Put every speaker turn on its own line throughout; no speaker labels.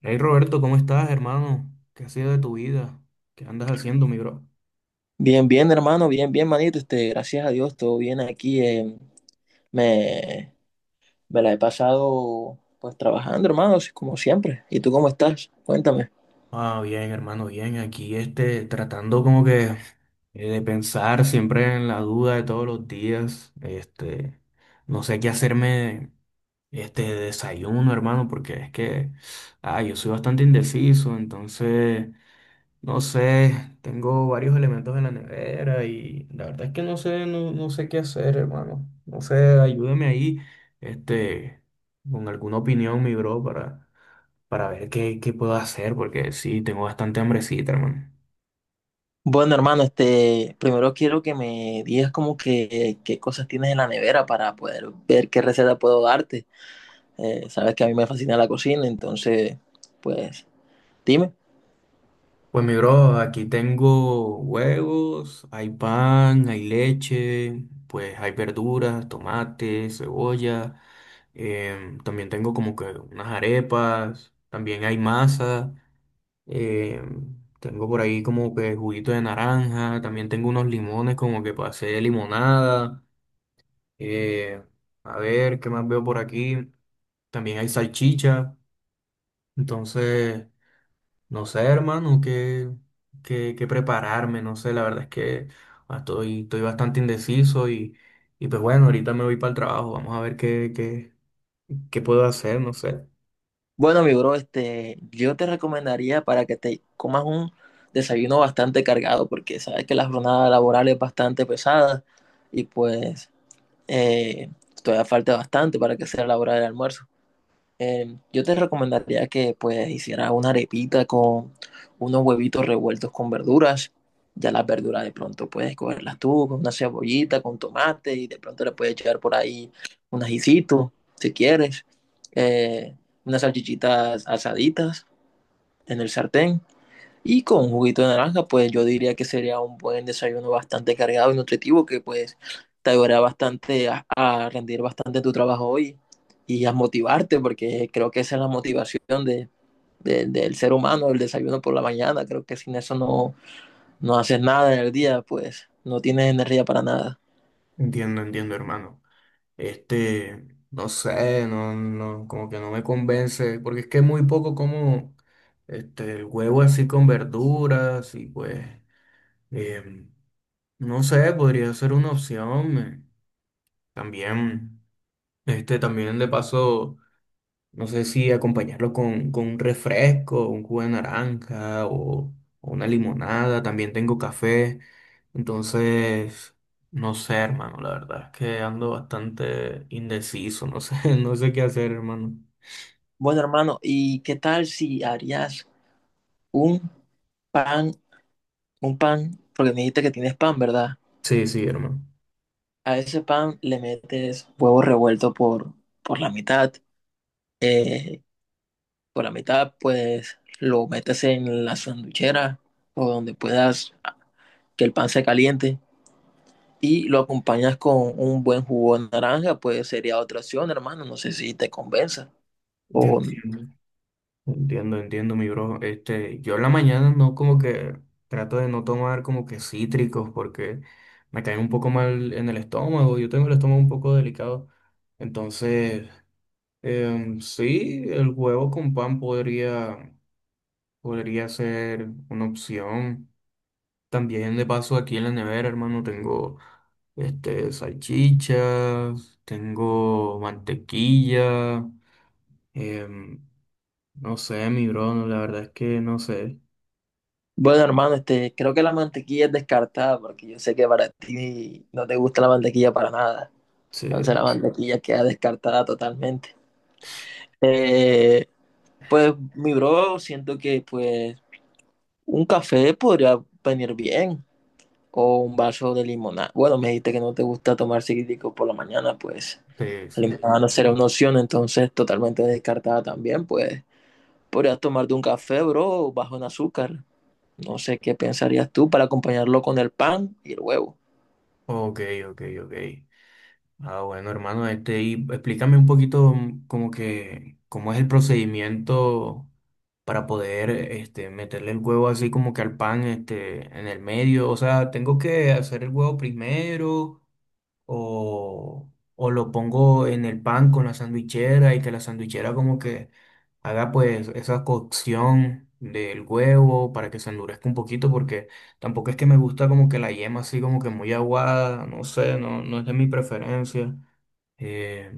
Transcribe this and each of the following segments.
Hey Roberto, ¿cómo estás, hermano? ¿Qué has sido de tu vida? ¿Qué andas haciendo, mi bro?
Bien, bien, hermano, bien, bien, manito. Gracias a Dios, todo bien aquí. Me, Me la he pasado pues trabajando, hermano, así como siempre. ¿Y tú cómo estás? Cuéntame.
Ah, bien, hermano, bien. Aquí este, tratando como que de pensar siempre en la duda de todos los días. Este, no sé qué hacerme este de desayuno, hermano, porque es que, yo soy bastante indeciso, entonces no sé, tengo varios elementos en la nevera y la verdad es que no sé, no sé qué hacer, hermano. No sé, ayúdeme ahí, este, con alguna opinión, mi bro, para ver qué puedo hacer, porque sí, tengo bastante hambrecita, hermano.
Bueno, hermano, primero quiero que me digas como que qué cosas tienes en la nevera para poder ver qué receta puedo darte. Sabes que a mí me fascina la cocina, pues, dime.
Pues mi bro, aquí tengo huevos, hay pan, hay leche, pues hay verduras, tomate, cebolla, también tengo como que unas arepas, también hay masa. Eh, tengo por ahí como que juguito de naranja, también tengo unos limones como que para hacer limonada. eh, a ver, ¿qué más veo por aquí? También hay salchicha. Entonces, no sé, hermano, qué prepararme, no sé, la verdad es que estoy bastante indeciso y pues bueno, ahorita me voy para el trabajo, vamos a ver qué puedo hacer, no sé.
Bueno, mi bro, yo te recomendaría para que te comas un desayuno bastante cargado, porque sabes que la jornada laboral es bastante pesada y eh, todavía falta bastante para que sea la hora del almuerzo. Yo te recomendaría que pues hicieras una arepita con unos huevitos revueltos con verduras. Ya las verduras de pronto puedes cogerlas tú con una cebollita, con tomate y de pronto le puedes echar por ahí un ajicito si quieres. Eh, unas salchichitas asaditas en el sartén y con juguito de naranja, pues yo diría que sería un buen desayuno bastante cargado y nutritivo que pues te ayudará bastante a rendir bastante tu trabajo hoy y a motivarte, porque creo que esa es la motivación del ser humano, el desayuno por la mañana. Creo que sin eso no haces nada en el día, pues no tienes energía para nada.
Entiendo, entiendo, hermano. Este, no sé, como que no me convence, porque es que muy poco como este, el huevo así con verduras y pues, em, no sé, podría ser una opción. También, este, también de paso. No sé si acompañarlo con un refresco, un jugo de naranja o una limonada. También tengo café. Entonces, no sé, hermano. La verdad es que ando bastante indeciso. No sé, no sé qué hacer, hermano.
Bueno, hermano, ¿y qué tal si harías un pan, un pan, porque me dijiste que tienes pan, ¿verdad?
Sí, sí, hermano.
A ese pan le metes huevo revuelto por la mitad. eh, por la mitad, pues lo metes en la sanduchera o donde puedas ah, que el pan se caliente y lo acompañas con un buen jugo de naranja, pues sería otra opción, hermano. No sé si te convenza.
Ya
O,
entiendo, entiendo, entiendo, mi bro. Este, yo en la mañana no como que trato de no tomar como que cítricos porque me caen un poco mal en el estómago. Yo tengo el estómago un poco delicado. Entonces, sí, el huevo con pan podría, podría ser una opción. También de paso aquí en la nevera, hermano, tengo este, salchichas, tengo mantequilla, em, no sé, mi bro, no, la verdad es que no sé.
bueno, hermano, creo que la mantequilla es descartada porque yo sé que para ti no te gusta la mantequilla para nada.
Sí,
Entonces la
sí,
mantequilla queda descartada totalmente. Eh, Pues mi bro, siento que pues un café podría venir bien o un vaso de limonada. Bueno, me dijiste que no te gusta tomar cítrico por la mañana, pues
sí,
la
sí.
limonada no será una opción, entonces totalmente descartada también, pues podrías tomarte un café, bro, bajo en azúcar. No sé qué pensarías tú para acompañarlo con el pan y el huevo.
Ok, ok, ok. Ah, bueno, hermano, este, y explícame un poquito como que cómo es el procedimiento para poder este, meterle el huevo así como que al pan este, en el medio. O sea, ¿tengo que hacer el huevo primero o, o lo pongo en el pan con la sandwichera y que la sandwichera como que haga pues esa cocción del huevo para que se endurezca un poquito porque tampoco es que me gusta como que la yema así como que muy aguada, no sé, no es de mi preferencia. Eh,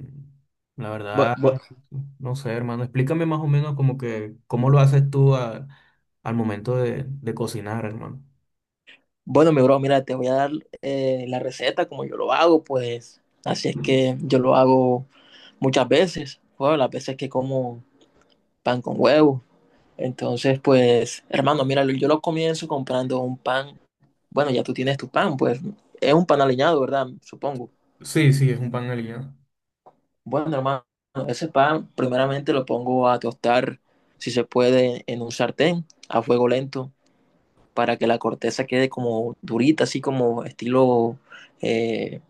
la
Bu-
verdad,
bu-
no sé, hermano, explícame más o menos como que cómo lo haces tú al momento de cocinar, hermano.
Bueno, mi bro, mira, te voy a dar la receta como yo lo hago, pues así es que yo lo hago muchas veces. Bueno, las veces que como pan con huevo. Entonces, pues, hermano, mira, yo lo comienzo comprando un pan. Bueno, ya tú tienes tu pan, pues es un pan aliñado, ¿verdad? Supongo.
Sí, sí, es un pan aliñado.
Bueno, hermano, ese pan primeramente lo pongo a tostar, si se puede, en un sartén a fuego lento para que la corteza quede como durita, así como estilo eh,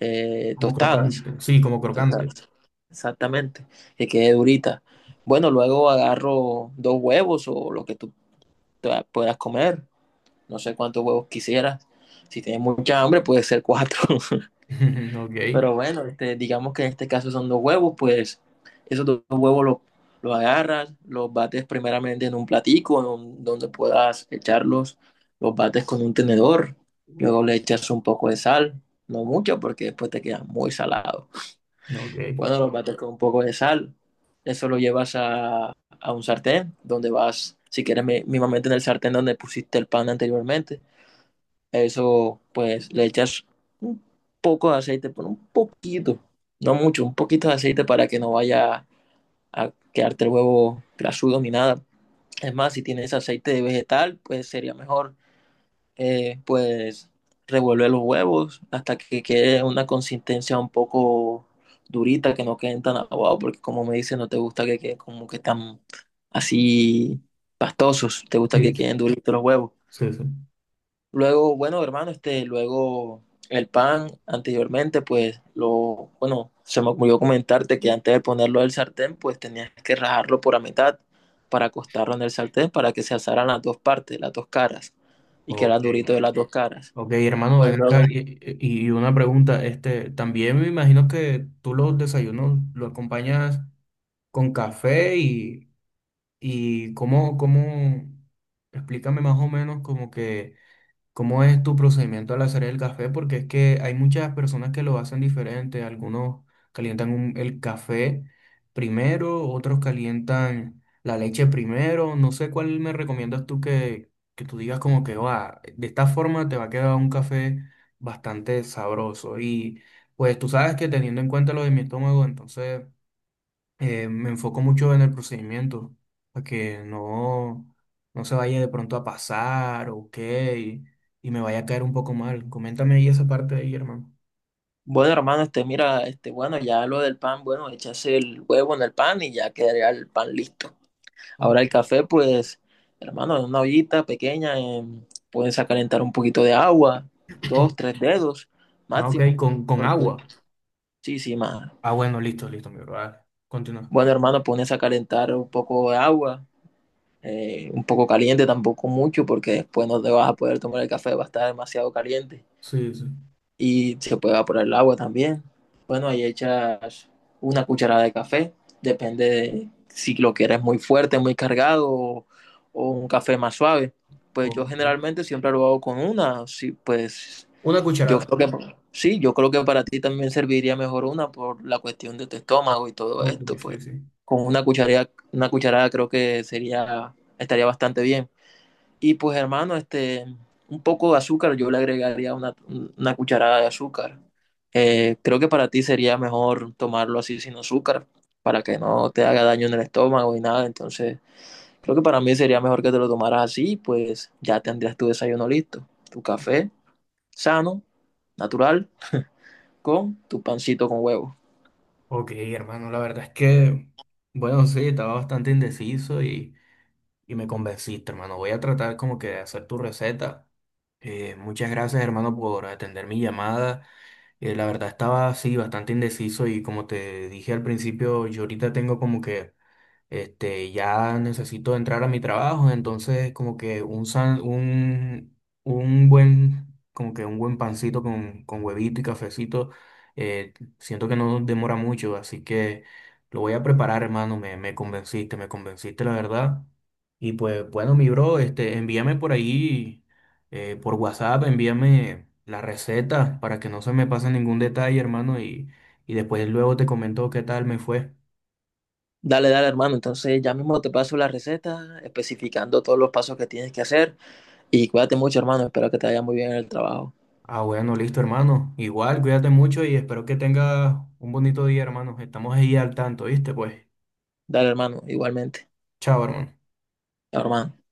eh,
Como
tostadas,
crocante, sí, como crocante.
tostadas. Exactamente, que quede durita. Bueno, luego agarro dos huevos o lo que tú te puedas comer. No sé cuántos huevos quisieras. Si tienes mucha hambre, puede ser cuatro.
Ok,
Pero bueno, digamos que en este caso son dos huevos, pues esos dos huevos los agarras, los bates primeramente en un platico en un, donde puedas echarlos, los bates con un tenedor, luego le echas un poco de sal, no mucho porque después te queda muy salado.
ok.
Bueno, los bates con un poco de sal, eso lo llevas a un sartén donde vas, si quieres, mínimamente en el sartén donde pusiste el pan anteriormente, eso, pues, le echas un poco de aceite, pero un poquito, no mucho, un poquito de aceite para que no vaya a quedarte el huevo grasudo ni nada. Es más, si tienes aceite de vegetal, pues sería mejor, eh, pues, revolver los huevos hasta que quede una consistencia un poco durita, que no queden tan aguados, porque como me dices, no te gusta que queden como que tan así pastosos, te gusta
Sí,
que queden duritos los huevos.
sí, sí.
Luego, bueno, hermano, luego el pan anteriormente, bueno, se me ocurrió comentarte que antes de ponerlo al sartén, pues tenías que rajarlo por la mitad para acostarlo en el sartén para que se asaran las dos partes, las dos caras, y que era
Ok,
durito de las dos caras.
ok, hermano,
Pues
ven acá
luego,
y, y una pregunta, este, también me imagino que tú los desayunos lo acompañas con café y y explícame más o menos como que cómo es tu procedimiento al hacer el café, porque es que hay muchas personas que lo hacen diferente. Algunos calientan el café primero, otros calientan la leche primero. No sé cuál me recomiendas tú que tú digas como que va, de esta forma te va a quedar un café bastante sabroso. Y pues tú sabes que teniendo en cuenta lo de mi estómago, entonces me enfoco mucho en el procedimiento, para que no se vaya de pronto a pasar o qué, y me vaya a caer un poco mal. Coméntame ahí esa parte ahí, hermano.
bueno, hermano, bueno, ya lo del pan, bueno, echas el huevo en el pan y ya quedaría el pan listo.
Oh,
Ahora el café, pues, hermano, en una ollita pequeña, puedes a calentar un poquito de agua, dos, tres dedos
ah, ok,
máximo,
con
porque
agua.
sí, sí, más.
Ah, bueno, listo, listo, mi bro. Vale, continúa.
Bueno, hermano, pones a calentar un poco de agua, un poco caliente, tampoco mucho, porque después no te vas a poder tomar el café, va a estar demasiado caliente.
Sí, sí.
Y se puede evaporar el agua también. Bueno, ahí echas una cucharada de café, depende de si lo quieres muy fuerte, muy cargado o un café más suave. Pues yo
Ok.
generalmente siempre lo hago con una, sí, pues
Una
yo
cucharada.
creo que sí, yo creo que para ti también serviría mejor una por la cuestión de tu estómago y todo
Ok,
esto, pues
sí, sí.
con una cucharada creo que sería, estaría bastante bien. Y pues hermano, un poco de azúcar, yo le agregaría una cucharada de azúcar. Creo que para ti sería mejor tomarlo así sin azúcar, para que no te haga daño en el estómago y nada. Entonces, creo que para mí sería mejor que te lo tomaras así, pues ya tendrías tu desayuno listo, tu café sano, natural, con tu pancito con huevo.
Ok, hermano, la verdad es que, bueno, sí, estaba bastante indeciso y… Y me convenciste, hermano. Voy a tratar como que de hacer tu receta. Muchas gracias, hermano, por atender mi llamada. La verdad estaba así bastante indeciso y como te dije al principio, yo ahorita tengo como que este, ya necesito entrar a mi trabajo, entonces como que un buen, como que un buen pancito con huevito y cafecito, eh, siento que no demora mucho, así que lo voy a preparar, hermano, me convenciste, la verdad. Y pues bueno, mi bro, este, envíame por ahí, por WhatsApp, envíame la receta para que no se me pase ningún detalle, hermano, y después luego te comento qué tal me fue.
Dale, dale, hermano. Entonces, ya mismo te paso la receta, especificando todos los pasos que tienes que hacer. Y cuídate mucho, hermano. Espero que te vaya muy bien en el trabajo.
Ah, bueno, listo, hermano. Igual, cuídate mucho y espero que tengas un bonito día, hermano. Estamos ahí al tanto, ¿viste? Pues,
Dale, hermano, igualmente,
chao, hermano.
hermano.